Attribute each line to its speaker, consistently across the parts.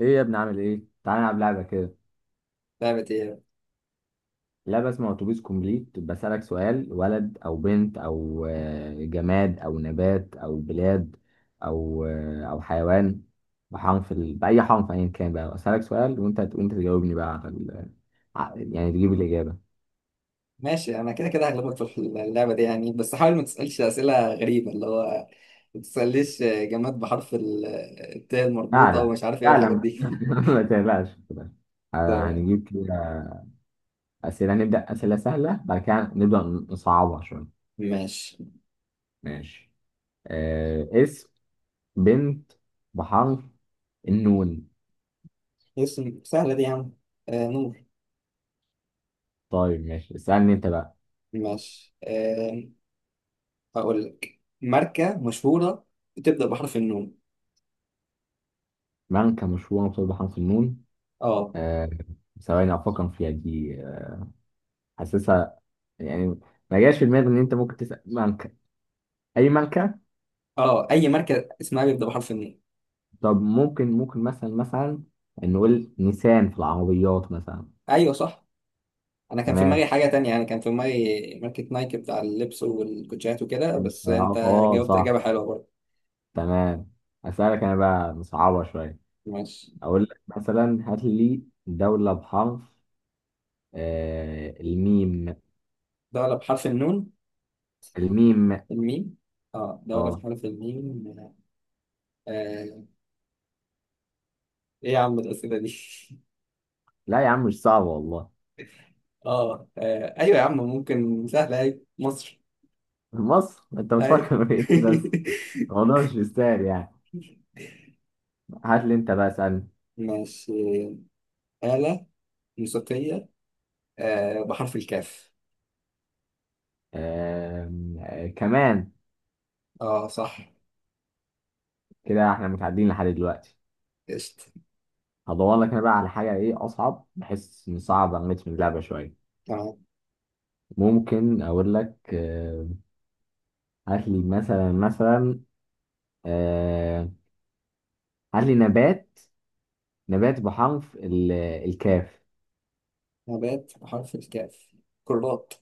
Speaker 1: ايه يا ابني، عامل ايه؟ تعالى نلعب لعبة كده.
Speaker 2: لعبة ايه؟
Speaker 1: لعبة اسمها اتوبيس كومبليت، بسألك سؤال: ولد او بنت او آه، جماد او نبات او بلاد او حيوان بحرف ال... بأي حرف ايا كان بقى. بسألك سؤال، وانت تجاوبني بقى يعني تجيب الإجابة.
Speaker 2: ماشي، انا كده كده هغلبك في اللعبة دي يعني، بس حاول ما تسألش أسئلة غريبة، اللي هو ما تسألليش جماد بحرف ال- التاء المربوط او
Speaker 1: اعلم،
Speaker 2: مش عارف ايه والحاجات دي.
Speaker 1: اعلم ما تقلقش، ما تقلقش.
Speaker 2: تمام.
Speaker 1: هنجيب كده نبدأ أسئلة سهلة، بعد كده نبدأ نصعبها شوية.
Speaker 2: ماشي،
Speaker 1: ماشي. اسم بنت بحرف النون.
Speaker 2: اسم سهلة دي يا عم، نور.
Speaker 1: طيب ماشي، اسألني أنت بقى.
Speaker 2: ماشي. هقول لك ماركة مشهورة بتبدأ بحرف النون.
Speaker 1: من كان مشهورا بصيد حرف النون؟
Speaker 2: اه،
Speaker 1: آه، ثواني أفكر فيها دي، حاسسها يعني. ما جاش في دماغي إن أنت ممكن تسأل مانكا، أي مانكا.
Speaker 2: اه، اي ماركة اسمها بيبدأ بحرف النون.
Speaker 1: طب ممكن مثلا نقول نيسان في العربيات مثلا.
Speaker 2: ايوه صح، انا كان في دماغي
Speaker 1: تمام.
Speaker 2: حاجة تانية يعني، كان في دماغي ماركة نايك بتاع اللبس والكوتشيات وكده، بس انت جاوبت
Speaker 1: صح.
Speaker 2: إجابة حلوة برضه.
Speaker 1: تمام. أسألك أنا بقى مصعبة شوية.
Speaker 2: ماشي.
Speaker 1: أقول لك مثلا هات لي دولة بحرف الميم،
Speaker 2: دولة بحرف النون؟
Speaker 1: الميم.
Speaker 2: الميم. اه دولة
Speaker 1: آه،
Speaker 2: بحرف الميم. آه. ايه يا عم الأسئلة دي؟
Speaker 1: لا يا عم، مش صعب والله.
Speaker 2: ايوه يا عم، ممكن سهلة، اي مصر.
Speaker 1: مصر؟ انت
Speaker 2: اي.
Speaker 1: بتفكر في ايه بس؟ الموضوع مش مستاهل يعني. هات لي انت بقى، اسألني.
Speaker 2: ماشي، آلة موسيقية، بحرف الكاف.
Speaker 1: آم، آه، كمان.
Speaker 2: اه صح،
Speaker 1: كده احنا متعدين لحد دلوقتي.
Speaker 2: قشطة.
Speaker 1: هدور لك انا بقى على حاجة ايه اصعب، بحيث نصعب على النت من اللعبة شوية.
Speaker 2: تمام.
Speaker 1: ممكن اقول لك، هات لي مثلا. آم، هات لي نبات. نبات بحرف الكاف.
Speaker 2: نبات بحرف الكاف؟ كرات.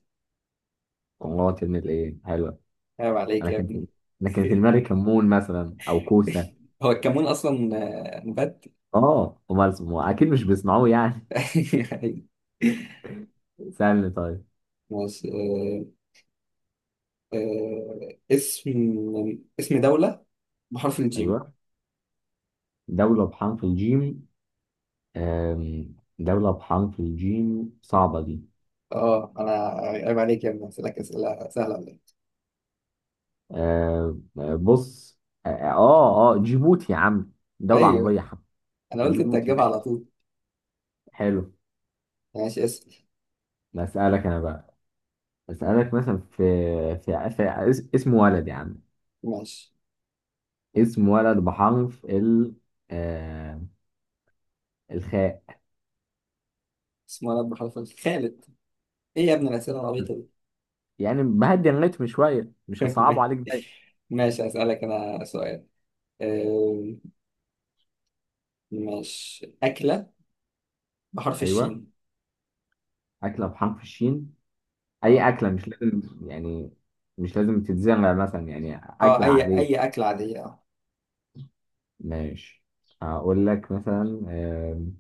Speaker 1: والله ان الايه حلوة.
Speaker 2: عيب عليك
Speaker 1: انا
Speaker 2: يا ابني.
Speaker 1: كان انا كان في دماغي كمون مثلا، او كوسة.
Speaker 2: هو الكمون اصلا نبات؟
Speaker 1: اه، امال اسمه اكيد مش بيسمعوه يعني. سألني طيب.
Speaker 2: ماشي، آه، اسم اسم دولة بحرف الجيم.
Speaker 1: ايوه، دولة بحرف الجيم. دولة بحرف الجيم صعبة دي.
Speaker 2: اه انا عيب عليك يا ابني، اسالك اسئله سهله ولا إيه؟
Speaker 1: آم، آه، بص. جيبوتي يا عم، دولة عربية
Speaker 2: ايوه
Speaker 1: يا عم.
Speaker 2: انا قلت انت
Speaker 1: جيبوتي.
Speaker 2: هتجيبها على طول.
Speaker 1: حلو.
Speaker 2: ماشي اسال.
Speaker 1: بسألك انا بقى. بسألك مثلا في في اسم ولد يا عم.
Speaker 2: ماشي،
Speaker 1: اسم ولد بحرف ال آه، الخاء.
Speaker 2: اسم ولد بحرف ال- خالد. ايه يا ابني الاسئله العبيطه
Speaker 1: يعني بهدي الريتم شوية، مش هصعبه
Speaker 2: دي؟
Speaker 1: عليك دايما.
Speaker 2: ماشي، اسالك انا سؤال. آه، ماشي، اكله بحرف
Speaker 1: ايوه.
Speaker 2: الشين.
Speaker 1: أكلة بحرف الشين. اي
Speaker 2: اه،
Speaker 1: اكله، مش لازم يعني مش لازم تتزرع مثلا، يعني
Speaker 2: اه،
Speaker 1: اكله
Speaker 2: اي
Speaker 1: عاديه.
Speaker 2: اكله عاديه، اه.
Speaker 1: ماشي، هقول لك مثلا. آم،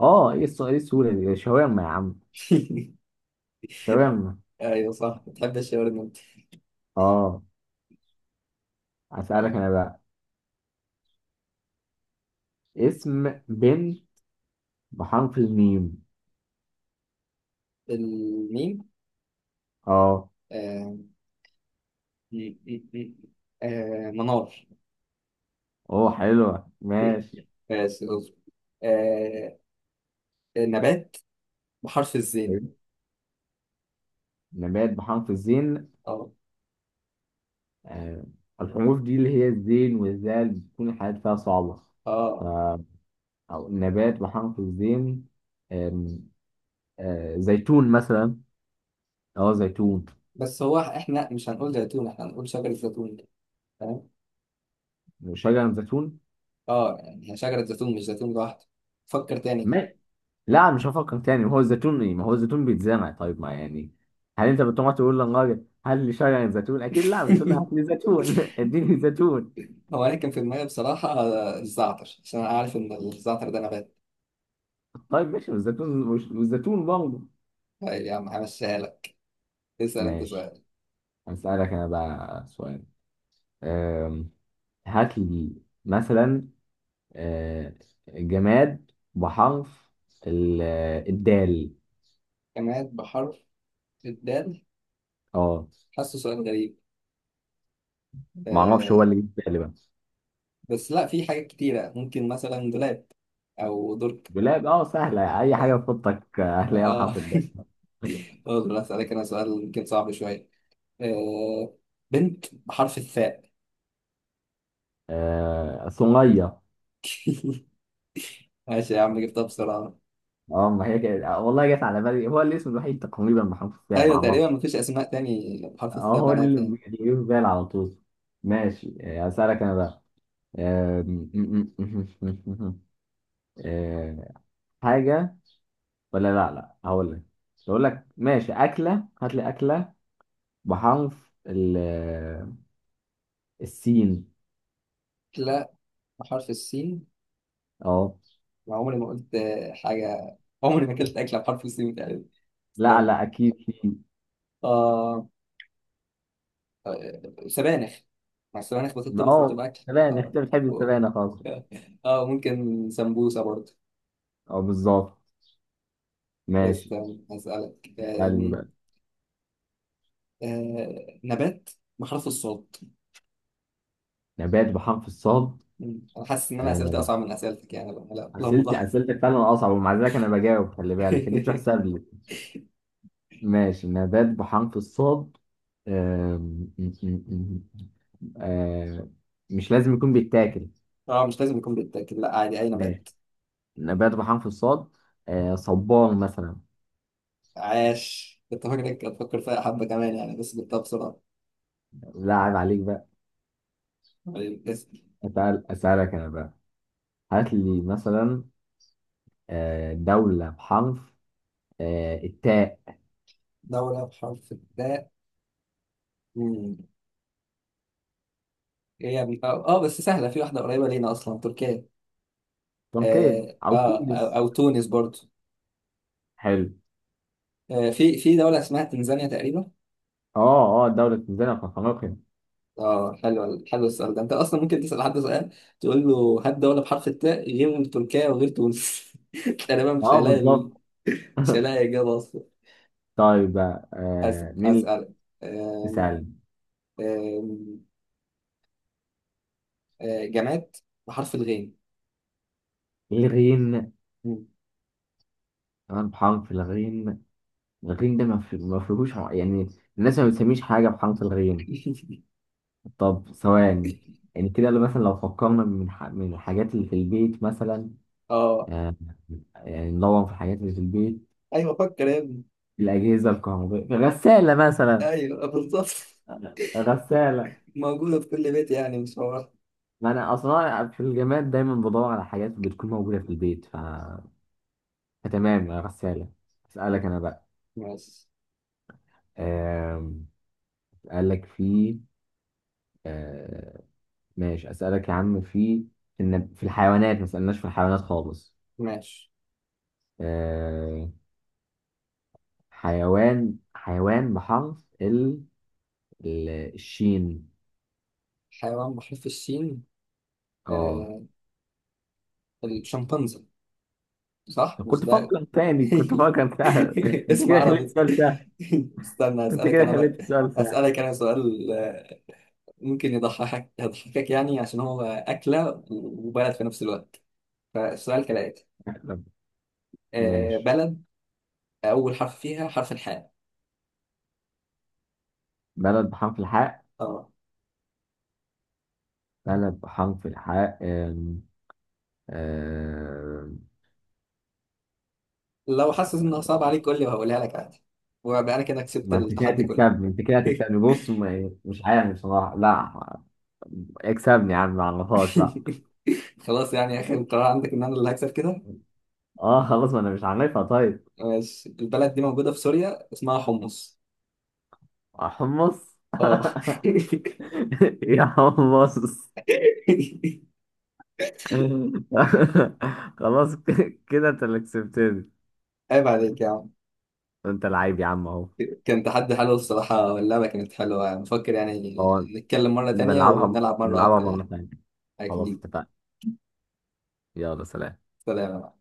Speaker 1: اه، ايه السؤال، ايه السهوله دي! شاورما يا عم. شاورما.
Speaker 2: ايوه صح، بتحب الشاورما انت.
Speaker 1: اه. اسالك
Speaker 2: طيب،
Speaker 1: انا بقى. اسم بنت بحرف الميم.
Speaker 2: الميم.
Speaker 1: اه.
Speaker 2: آه، م- م- م- منار.
Speaker 1: اوه، حلوه. ماشي.
Speaker 2: ماشي اصبر. آه نبات بحرف الزين.
Speaker 1: حلو. نبات بحرف الزين.
Speaker 2: اه،
Speaker 1: آه. الحروف دي اللي هي الزين والزال بتكون الحاجات فيها صعبه. ف-
Speaker 2: اه،
Speaker 1: او نبات بحرف الزين. آم، آه، زيتون مثلا. اه، زيتون.
Speaker 2: بس هو احنا مش هنقول زيتون، احنا هنقول شجرة زيتون. تمام.
Speaker 1: وشجر زيتون.
Speaker 2: اه يعني هي شجرة زيتون مش زيتون لوحده، فكر تاني كده.
Speaker 1: ما لا، مش هفكر تاني. ما هو الزيتون بيتزرع طيب، ما يعني هل انت بتقعد تقول للراجل هل لي شجر زيتون؟ اكيد لا، بتقول له هات لي زيتون اديني زيتون.
Speaker 2: هو انا كان في دماغي بصراحة الزعتر، عشان انا عارف ان الزعتر ده نبات.
Speaker 1: طيب ماشي، والزيتون برضه.
Speaker 2: طيب يا عم همشيها لك، اسأل انت
Speaker 1: ماشي،
Speaker 2: سؤال.
Speaker 1: هسألك انا بقى سؤال. أم، هات لي مثلا أه، جماد بحرف ال- الدال.
Speaker 2: جماد بحرف الدال،
Speaker 1: اه.
Speaker 2: حاسه سؤال غريب،
Speaker 1: ما اعرفش، هو
Speaker 2: آه
Speaker 1: اللي جه في بالي بقى.
Speaker 2: بس لا، في حاجات كتيرة، ممكن مثلا دولاب او درج.
Speaker 1: دولاب. اه، سهلة، اي حاجة تحطك هتلاقيها
Speaker 2: اه.
Speaker 1: محطة ده.
Speaker 2: اقدر اسالك انا سؤال يمكن صعب شويه، آه، بنت بحرف الثاء.
Speaker 1: آه، صنية.
Speaker 2: ماشي يا عم جبتها بسرعه.
Speaker 1: اه، ما هي كده، والله جت على بالي، هو الاسم الوحيد تقريبا، محمود السابع، ما
Speaker 2: ايوه تقريبا
Speaker 1: اعرفش.
Speaker 2: مفيش اسماء تاني بحرف
Speaker 1: اه،
Speaker 2: الثاء
Speaker 1: هو
Speaker 2: بنات
Speaker 1: اللي
Speaker 2: يعني.
Speaker 1: بيجي في بالي على طول. ماشي. اسالك انا بقى. آه، م- م- م- م- م- آه، حاجه. ولا لا لا هقول لك ماشي، اكله. هات لي اكله بحرف السين.
Speaker 2: لا، بحرف السين،
Speaker 1: اه.
Speaker 2: ما عمري ما قلت حاجه، عمري ما اكلت اكله بحرف السين تقريبا.
Speaker 1: لا
Speaker 2: استنى.
Speaker 1: لا، اكيد سين.
Speaker 2: آه... سبانخ، مع السبانخ بتطبخ
Speaker 1: اه،
Speaker 2: وبتبقى اكل.
Speaker 1: سبانخ.
Speaker 2: آه.
Speaker 1: انت بتحب
Speaker 2: و-
Speaker 1: السبانخ خالص.
Speaker 2: اه، ممكن سمبوسه برضه.
Speaker 1: اه، بالظبط. ماشي،
Speaker 2: استنى اسالك.
Speaker 1: علمي
Speaker 2: آم،
Speaker 1: بقى.
Speaker 2: آه، نبات بحرف الصاد.
Speaker 1: نبات بحرف الصاد.
Speaker 2: مم. انا حاسس ان انا اسئلتي
Speaker 1: آه،
Speaker 2: اصعب من اسئلتك يعني بقى. لا لا مضاعف.
Speaker 1: اسئلتك فعلا اصعب، ومع ذلك انا بجاوب. خلي بالك دي تحسب لي. ماشي، نبات بحرف الصاد. آم، م- م- م- آه، مش لازم يكون بيتاكل.
Speaker 2: اه مش لازم يكون، بالتاكيد لا، عادي اي
Speaker 1: ماشي،
Speaker 2: نبات.
Speaker 1: نبات بحرف الصاد. صبار مثلا.
Speaker 2: عاش، كنت فاكرك هتفكر فيها حبه كمان يعني، بس جبتها بسرعه.
Speaker 1: لا، عيب عليك بقى.
Speaker 2: طيب، اسم
Speaker 1: اسالك انا بقى، هات لي مثلا دولة بحرف التاء.
Speaker 2: دوله بحرف الداء. مم. ايه يا ابني، بس سهله، في واحده قريبه لينا اصلا، تركيا.
Speaker 1: تركيا
Speaker 2: اه،
Speaker 1: او
Speaker 2: او,
Speaker 1: تونس.
Speaker 2: أو تونس برضو.
Speaker 1: حلو.
Speaker 2: في دوله اسمها تنزانيا تقريبا.
Speaker 1: اه اه، دولة تنزانيا في افريقيا.
Speaker 2: اه حلو، حلو السؤال ده، انت اصلا ممكن تسال حد سؤال، تقول له هات دوله بحرف التاء غير تركيا وغير تونس، تقريبا مش
Speaker 1: اه،
Speaker 2: هيلاقي.
Speaker 1: بالظبط.
Speaker 2: مش هلاقي إجابة أصلا.
Speaker 1: طيب بقى، مين اللي...
Speaker 2: أسألك. أم-
Speaker 1: اسأل.
Speaker 2: أم- أه، جماد بحرف الغين.
Speaker 1: الغين.
Speaker 2: مم.
Speaker 1: كمان بحرف الغين. الغين ده ما فيهوش، يعني الناس ما بتسميش حاجة بحرف الغين. طب، ثواني. يعني كده، لو مثلا، لو فكرنا من الحاجات اللي في البيت مثلا.
Speaker 2: اه
Speaker 1: آه يعني ندور في الحاجات اللي في البيت.
Speaker 2: ايوه، فكر يا ابني.
Speaker 1: الأجهزة الكهربائية، غسالة مثلا.
Speaker 2: ايوه بالظبط،
Speaker 1: غسالة.
Speaker 2: موجودة في كل بيت يعني مش هو.
Speaker 1: ما أنا أصلا في الجماد دايما بدور على حاجات بتكون موجودة في البيت، تمام. غسالة. أسألك أنا بقى.
Speaker 2: ماشي،
Speaker 1: آم، أسألك في آه، ماشي، أسألك يا عم، في إن في الحيوانات ما سألناش في الحيوانات خالص.
Speaker 2: ماشي.
Speaker 1: آه، حيوان بحرف الشين.
Speaker 2: حيوان بحرف السين.
Speaker 1: اه.
Speaker 2: آه الشمبانزي، صح مش ده؟
Speaker 1: كنت بفكر سهل انت
Speaker 2: اسم
Speaker 1: كده خليت
Speaker 2: عربي.
Speaker 1: السؤال سهل.
Speaker 2: استنى
Speaker 1: انت
Speaker 2: اسألك
Speaker 1: كده
Speaker 2: انا بقى.
Speaker 1: خليت السؤال سهل.
Speaker 2: اسألك انا سؤال، ممكن يضحكك يضحكك يعني، عشان هو أكلة وبلد في نفس الوقت، فالسؤال كالآتي.
Speaker 1: طب، ماشي،
Speaker 2: بلد أول حرف فيها حرف الحاء.
Speaker 1: بلد بحرف الحاء.
Speaker 2: اه
Speaker 1: بلد بحرف الحاء. آم، آم،
Speaker 2: لو حاسس إنها صعبة عليك قول لي وهقولها لك عادي، وأبقى أنا كده كسبت
Speaker 1: ما انت كده
Speaker 2: التحدي كله.
Speaker 1: تكسبني، بص، مش عارف بصراحة، لا. اكسبني يا عم، ما عرفهاش، لا.
Speaker 2: خلاص يعني آخر قرار عندك إن أنا اللي هكسب كده.
Speaker 1: اه خلاص، ما انا مش عارفها. طيب.
Speaker 2: ماشي، البلد دي موجودة في سوريا، اسمها حمص.
Speaker 1: حمص
Speaker 2: اه.
Speaker 1: يا حمص خلاص، كده انت اللي كسبتني.
Speaker 2: عيب عليك يا عم.
Speaker 1: انت لعيب يا عم اهو.
Speaker 2: كان تحدي حلو الصراحة، واللعبة كانت حلوة، بفكر يعني
Speaker 1: اه.
Speaker 2: نتكلم مرة
Speaker 1: نبقى
Speaker 2: تانية
Speaker 1: نلعبها
Speaker 2: ونلعب مرة
Speaker 1: نلعبها
Speaker 2: أكتر
Speaker 1: مرة
Speaker 2: يعني.
Speaker 1: تانية. خلاص،
Speaker 2: أكيد.
Speaker 1: اتفقنا. يلا سلام.
Speaker 2: سلام.